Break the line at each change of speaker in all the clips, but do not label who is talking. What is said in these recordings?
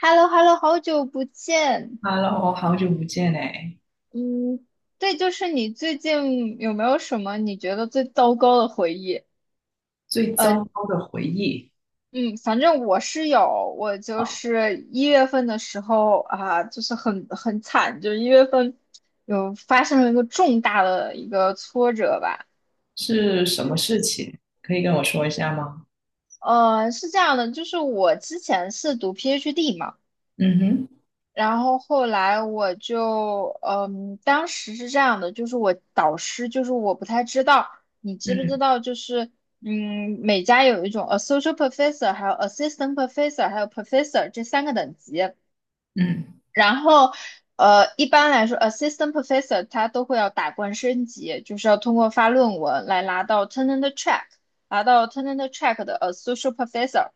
h e l l o h e l l o 好久不见。
Hello，好久不见哎！
嗯，对，就是你最近有没有什么你觉得最糟糕的回忆？
最糟糕的回忆
嗯，反正我是有，我就
啊，
是一月份的时候啊，就是很惨，就是一月份有发生了一个重大的一个挫折吧。
是什么事情？可以跟我说一下吗？
是这样的，就是我之前是读 PhD 嘛。
嗯哼。
然后后来我就，当时是这样的，就是我导师，就是我不太知道，你知不知
嗯
道，就是，每家有一种 associate professor，还有 assistant professor，还有 professor 这三个等级。
嗯
然后，一般来说，assistant professor 他都会要打怪升级，就是要通过发论文来拿到 tenure track，拿到 tenure track 的 associate professor。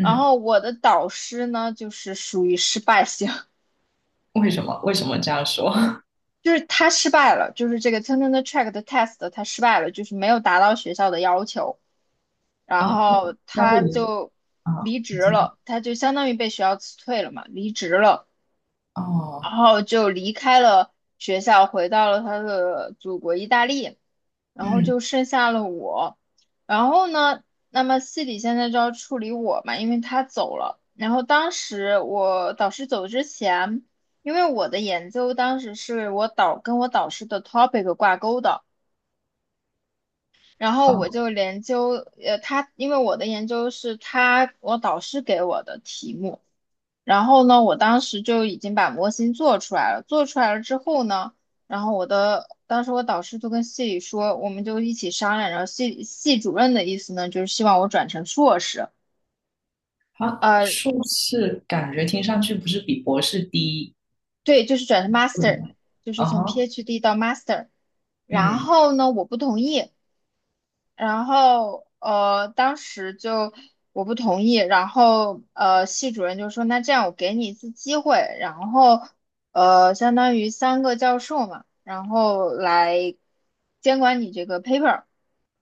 然后我的导师呢，就是属于失败型。
为什么？为什么这样说？
就是他失败了，就是这个 Turner Track 的 test 他失败了，就是没有达到学校的要求，然
啊，那
后
那会
他
你
就
啊，
离
你
职
继续。
了，他就相当于被学校辞退了嘛，离职了，然
哦。
后就离开了学校，回到了他的祖国意大利。然后
嗯。
就剩下了我。然后呢，那么系里现在就要处理我嘛，因为他走了。然后当时我导师走之前，因为我的研究当时是我导跟我导师的 topic 挂钩的，然后我
哦。
就研究，他因为我的研究是他我导师给我的题目，然后呢，我当时就已经把模型做出来了。做出来了之后呢，然后我的当时我导师就跟系里说，我们就一起商量。然后系系主任的意思呢，就是希望我转成硕士，
他
呃，
硕士感觉听上去不是比博士低，
对，就是转成
对
master，
吗？
就是
啊
从
哈。
PhD 到 master。然
嗯
后呢，我不同意，然后当时就我不同意，然后系主任就说那这样我给你一次机会，然后相当于三个教授嘛，然后来监管你这个 paper，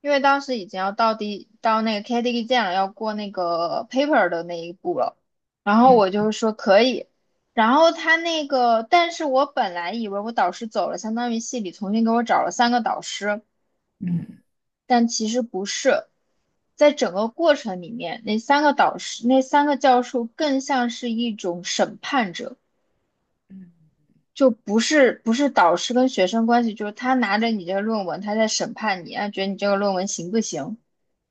因为当时已经要到到那个 KDE 建了，要过那个 paper 的那一步了，然后我
嗯
就说可以。然后他那个，但是我本来以为我导师走了，相当于系里重新给我找了三个导师，
嗯
但其实不是。在整个过程里面，那三个导师、那三个教授更像是一种审判者，
嗯。
就不是导师跟学生关系，就是他拿着你这个论文，他在审判你，啊，觉得你这个论文行不行，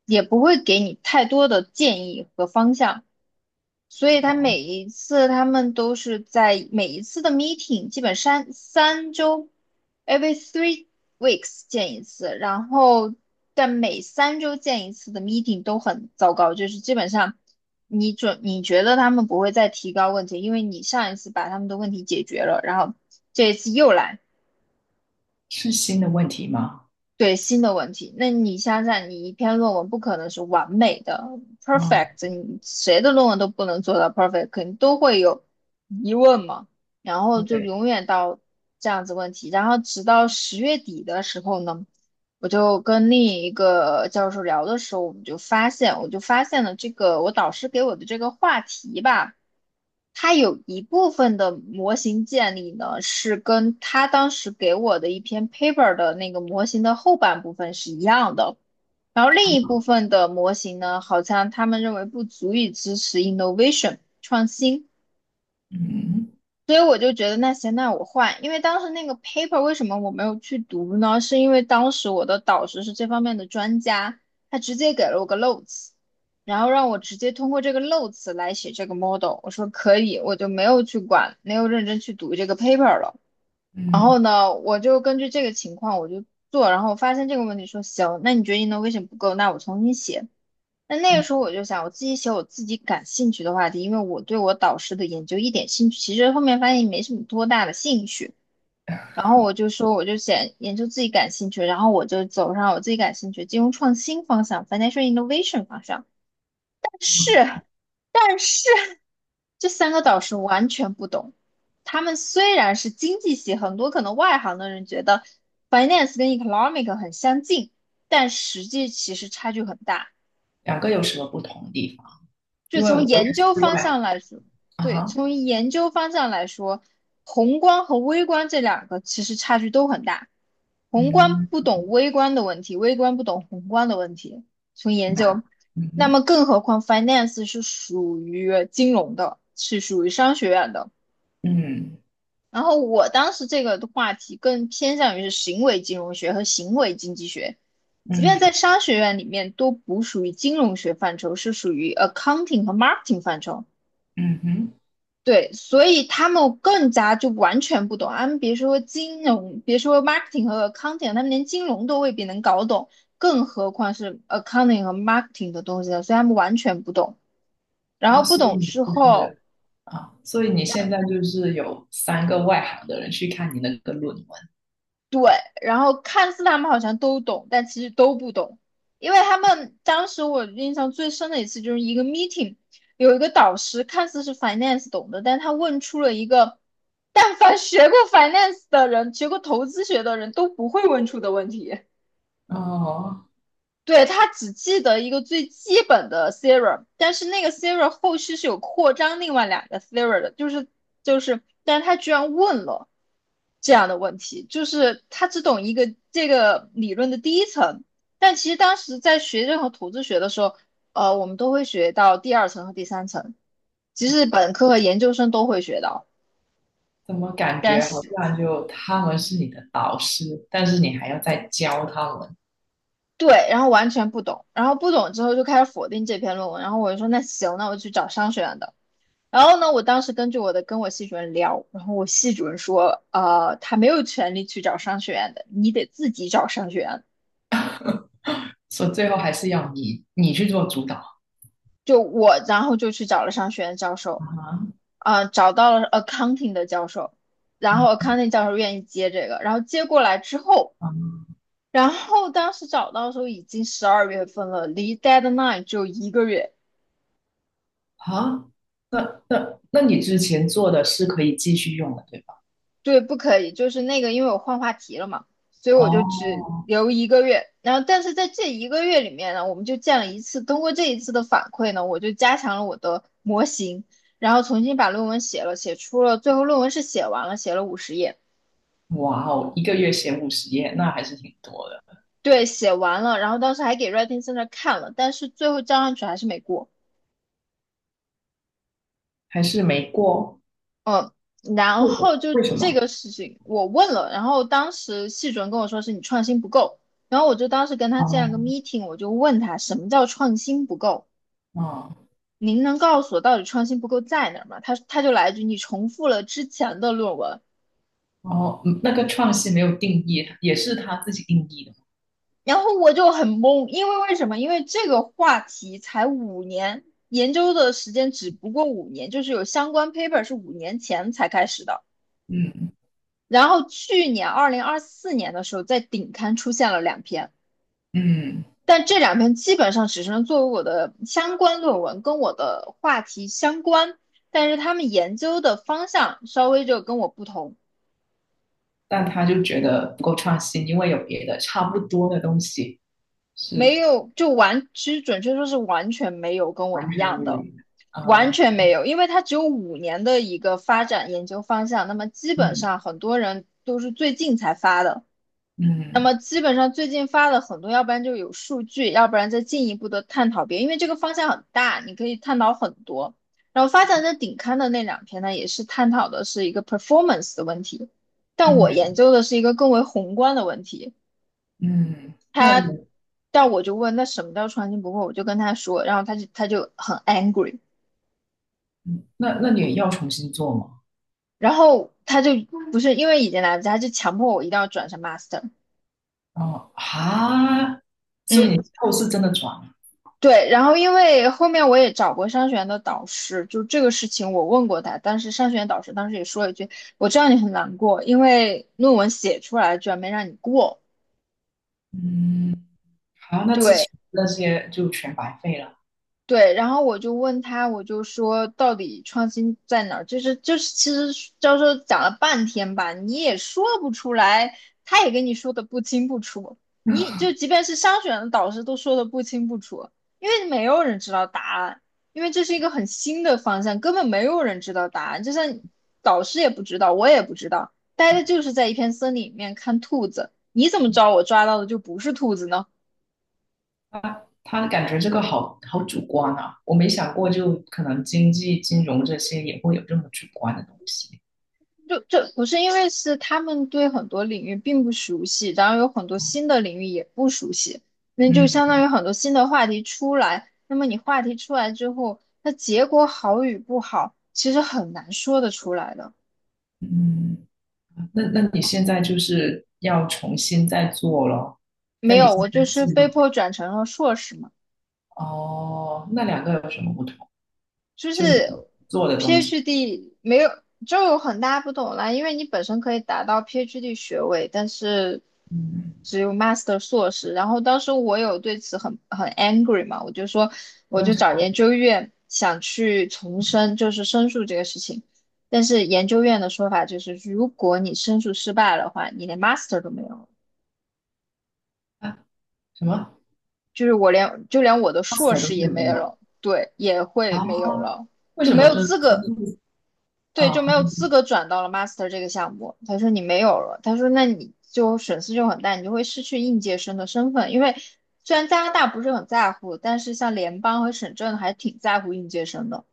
也不会给你太多的建议和方向，所以他
哦，
每一次他们都是在每一次的 meeting，基本三周，every three weeks 见一次，然后但每三周见一次的 meeting 都很糟糕，就是基本上你觉得他们不会再提高问题，因为你上一次把他们的问题解决了，然后这一次又来。
是新的问题吗？
对，新的问题，那你想想，你一篇论文不可能是完美的
嗯，
，perfect，你谁的论文都不能做到 perfect，肯定都会有疑问嘛。然后就
对，
永远到这样子问题，然后直到十月底的时候呢，我就跟另一个教授聊的时候，我们就发现，我就发现了这个我导师给我的这个话题吧。它有一部分的模型建立呢，是跟它当时给我的一篇 paper 的那个模型的后半部分是一样的，然后另一部分的模型呢，好像他们认为不足以支持 innovation 创新，
嗯
所以我就觉得那行，那我换，因为当时那个 paper 为什么我没有去读呢？是因为当时我的导师是这方面的专家，他直接给了我个 notes，然后让我直接通过这个 notes 来写这个 model。我说可以，我就没有去管，没有认真去读这个 paper 了。然后
嗯。
呢，我就根据这个情况我就做，然后我发现这个问题说行，那你觉得你的什么不够？那我重新写。那那个时候
嗯
我就想，我自己写我自己感兴趣的话题，因为我对我导师的研究一点兴趣，其实后面发现没什么多大的兴趣。然后我就说，我就写研究自己感兴趣，然后我就走上我自己感兴趣金融创新方向，financial innovation 方向。但是，但是这三个导师完全不懂。他们虽然是经济系，很多可能外行的人觉得 finance 跟 economic 很相近，但实际其实差距很大。
两个有什么不同的地方？
就
因为
从
我也
研究
是
方
外
向来说，对，
啊，
从研究方向来说，宏观和微观这两个其实差距都很大。宏观
嗯，
不懂微观的问题，微观不懂宏观的问题。从研究，
那，嗯
那
哼，
么更何况 finance 是属于金融的，是属于商学院的。
嗯
然后我当时这个的话题更偏向于是行为金融学和行为经济学，即便在
嗯
商学院里面都不属于金融学范畴，是属于 accounting 和 marketing 范畴。
嗯哼。
对，所以他们更加就完全不懂，他们别说金融，别说 marketing 和 accounting，他们连金融都未必能搞懂，更何况是 accounting 和 marketing 的东西了，所以他们完全不懂。然
啊，
后不
所以
懂
你
之
就
后，
是啊，所以你现在就是有三个外行的人去看你那个论文。
然后看似他们好像都懂，但其实都不懂，因为他们当时我印象最深的一次就是一个 meeting，有一个导师看似是 finance 懂的，但他问出了一个但凡学过 finance 的人、学过投资学的人都不会问出的问题。
哦，
对，他只记得一个最基本的 theorem，但是那个 theorem 后续是有扩张另外两个 theorem 的，但是他居然问了这样的问题，就是他只懂一个这个理论的第一层，但其实当时在学任何统计学的时候，我们都会学到第二层和第三层，其实本科和研究生都会学到，
怎么感
但
觉好
是。
像就他们是你的导师，但是你还要再教他们。
对，然后完全不懂，然后不懂之后就开始否定这篇论文，然后我就说那行，那我去找商学院的，然后呢，我当时根据我的跟我系主任聊，然后我系主任说，他没有权利去找商学院的，你得自己找商学院。
所以最后还是要你去做主导。
就我，然后就去找了商学院教授，
啊，
啊、找到了 accounting 的教授，然后
嗯
accounting 教授愿意接这个，然后接过来之后，
啊
然后当时找到的时候已经12月份了，离 deadline 只有一个月，
好，那你之前做的是可以继续用的，对吧？
对，不可以，就是那个，因为我换话题了嘛，所以我就
哦。
只留一个月。然后，但是在这一个月里面呢，我们就见了一次。通过这一次的反馈呢，我就加强了我的模型，然后重新把论文写了，写出了，最后论文是写完了，写了50页，
哇哦，一个月写50页，那还是挺多的。
对，写完了。然后当时还给 Writing 在那看了，但是最后交上去还是没过。
还是没过。
嗯，然
为
后
什
就
为什
这
么？
个事情我问了，然后当时系主任跟我说是你创新不够，然后我就当时跟他建了
哦，
个 meeting，我就问他什么叫创新不够，
哦，
您能告诉我到底创新不够在哪儿吗？他就来一句你重复了之前的论文，
哦。嗯那个创新没有定义，也是他自己定义的。
然后我就很懵，因为为什么？因为这个话题才五年，研究的时间只不过五年，就是有相关 paper 是五年前才开始的，
嗯
然后去年2024年的时候在顶刊出现了两篇。
嗯。
但这两篇基本上只是作为我的相关论文，跟我的话题相关，但是他们研究的方向稍微就跟我不同，
但他就觉得不够创新，因为有别的差不多的东西
没
是
有就完，其实准确说是完全没有跟我
完
一
全
样
无
的，
语的。
完
啊。
全没有，因为它只有五年的一个发展研究方向，那么基本
嗯
上很多人都是最近才发的，那
嗯
么基本上最近发了很多，要不然就有数据，要不然再进一步的探讨别，因为这个方向很大，你可以探讨很多。然后发展的顶刊的那两篇呢，也是探讨的是一个 performance 的问题，但我研
嗯
究的是一个更为宏观的问题。
嗯。那
他，
你
但我就问那什么叫创新不破，我就跟他说，然后他就很 angry，
那那你也要重新做吗？
然后他就不是因为已经来不及，他就强迫我一定要转成 master。
哦，哈，所以
嗯，
你之后是真的转了。
对，然后因为后面我也找过商学院的导师，就这个事情我问过他，但是商学院导师当时也说了一句：“我知道你很难过，因为论文写出来居然没让你过。”
嗯，好，那之
对。
前那些就全白费了。
对，然后我就问他，我就说到底创新在哪儿？就是，其实教授讲了半天吧，你也说不出来，他也跟你说的不清不楚，你就即便是商学院的导师都说的不清不楚，因为没有人知道答案，因为这是一个很新的方向，根本没有人知道答案，就像导师也不知道，我也不知道，待的就是在一片森林里面看兔子，你怎么知道我抓到的就不是兔子呢？
他感觉这个好好主观啊，我没想过，就可能经济、金融这些也会有这么主观的东西。
就不是因为是他们对很多领域并不熟悉，然后有很多新的领域也不熟悉，那就相
嗯
当于很多新的话题出来。那么你话题出来之后，那结果好与不好，其实很难说得出来的。
嗯。那你现在就是要重新再做咯？那
没
你
有，
现
我就
在
是
记
被
录
迫转成了硕士嘛。
哦，那两个有什么不同？
就是
就你做的东西。
PhD 没有就有很大不同啦，因为你本身可以达到 PhD 学位，但是
嗯，
只有 Master 硕士。然后当时我有对此很 angry 嘛，我就说我
正
就找
常。
研究院想去重申，就是申诉这个事情。但是研究院的说法就是，如果你申诉失败的话，你连 Master 都没有了。
啊？什么
就是我就连我的
p a s
硕
t 都
士也
是
没
没
有
有。
了，对，也
啊？
会没有了，
为
就
什
没
么
有
是
资
生
格。
诉？
对，就
啊？
没有资格转到了 master 这个项目。他说你没有了，他说那你就损失就很大，你就会失去应届生的身份。因为虽然加拿大不是很在乎，但是像联邦和省政还挺在乎应届生的。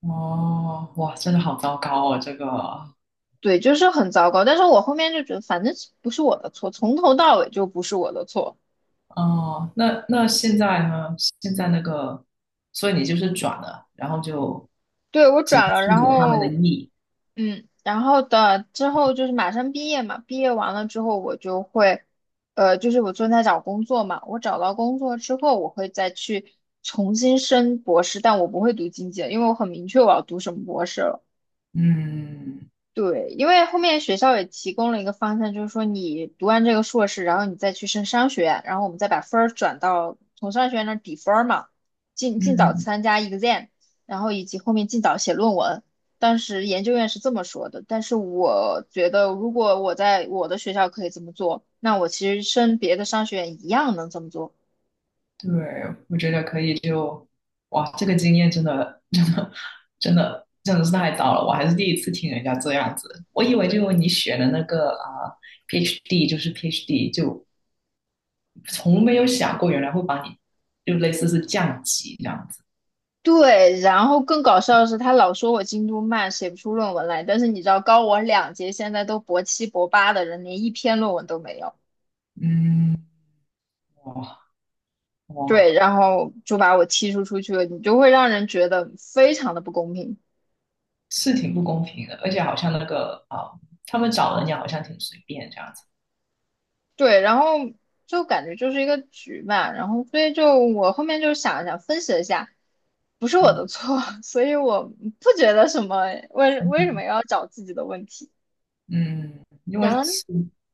哦，哇，真的好糟糕哦，这个。
对，就是很糟糕。但是我后面就觉得，反正不是我的错，从头到尾就不是我的错。
哦，那现在呢？现在那个，所以你就是转了，然后就
对，我
只能
转了，
顺
然
着他们的
后
意。
嗯，然后的之后就是马上毕业嘛，毕业完了之后我就会，就是我正在找工作嘛，我找到工作之后，我会再去重新升博士，但我不会读经济了，因为我很明确我要读什么博士了。
嗯
对，因为后面学校也提供了一个方向，就是说你读完这个硕士，然后你再去升商学院，然后我们再把分儿转到从商学院那儿抵分儿嘛，尽早
嗯，
参加 exam，然后以及后面尽早写论文。当时研究院是这么说的，但是我觉得如果我在我的学校可以这么做，那我其实升别的商学院一样能这么做。
对，我觉得可以就。哇，这个经验真的 真的真的真的是太糟了，我还是第一次听人家这样子，我以为就你选的那个啊、PhD 就是 PhD，就从没有想过原来会把你就类似是降级这样子。
对，然后更搞笑的是，他老说我进度慢，写不出论文来。但是你知道，高我2届，现在都博7博8的人，连一篇论文都没有。
嗯。哇哇，
对，然后就把我踢出去了，你就会让人觉得非常的不公平。
是挺不公平的，而且好像那个啊、他们找人也好像挺随便这样子。
对，然后就感觉就是一个局嘛，然后所以就我后面就想了想，分析了一下，不是我
嗯
的错，所以我不觉得什么，为什么
嗯
要找自己的问题。
嗯。因为
然后。
是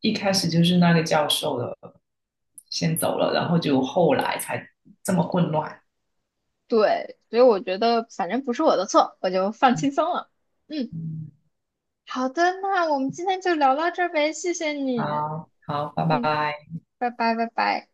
一开始就是那个教授的先走了，然后就后来才这么混乱。
对，所以我觉得反正不是我的错，我就放
嗯
轻松了。嗯，
嗯，
好的，那我们今天就聊到这儿呗，谢谢你。
好好，拜
嗯，
拜。
拜拜，拜拜。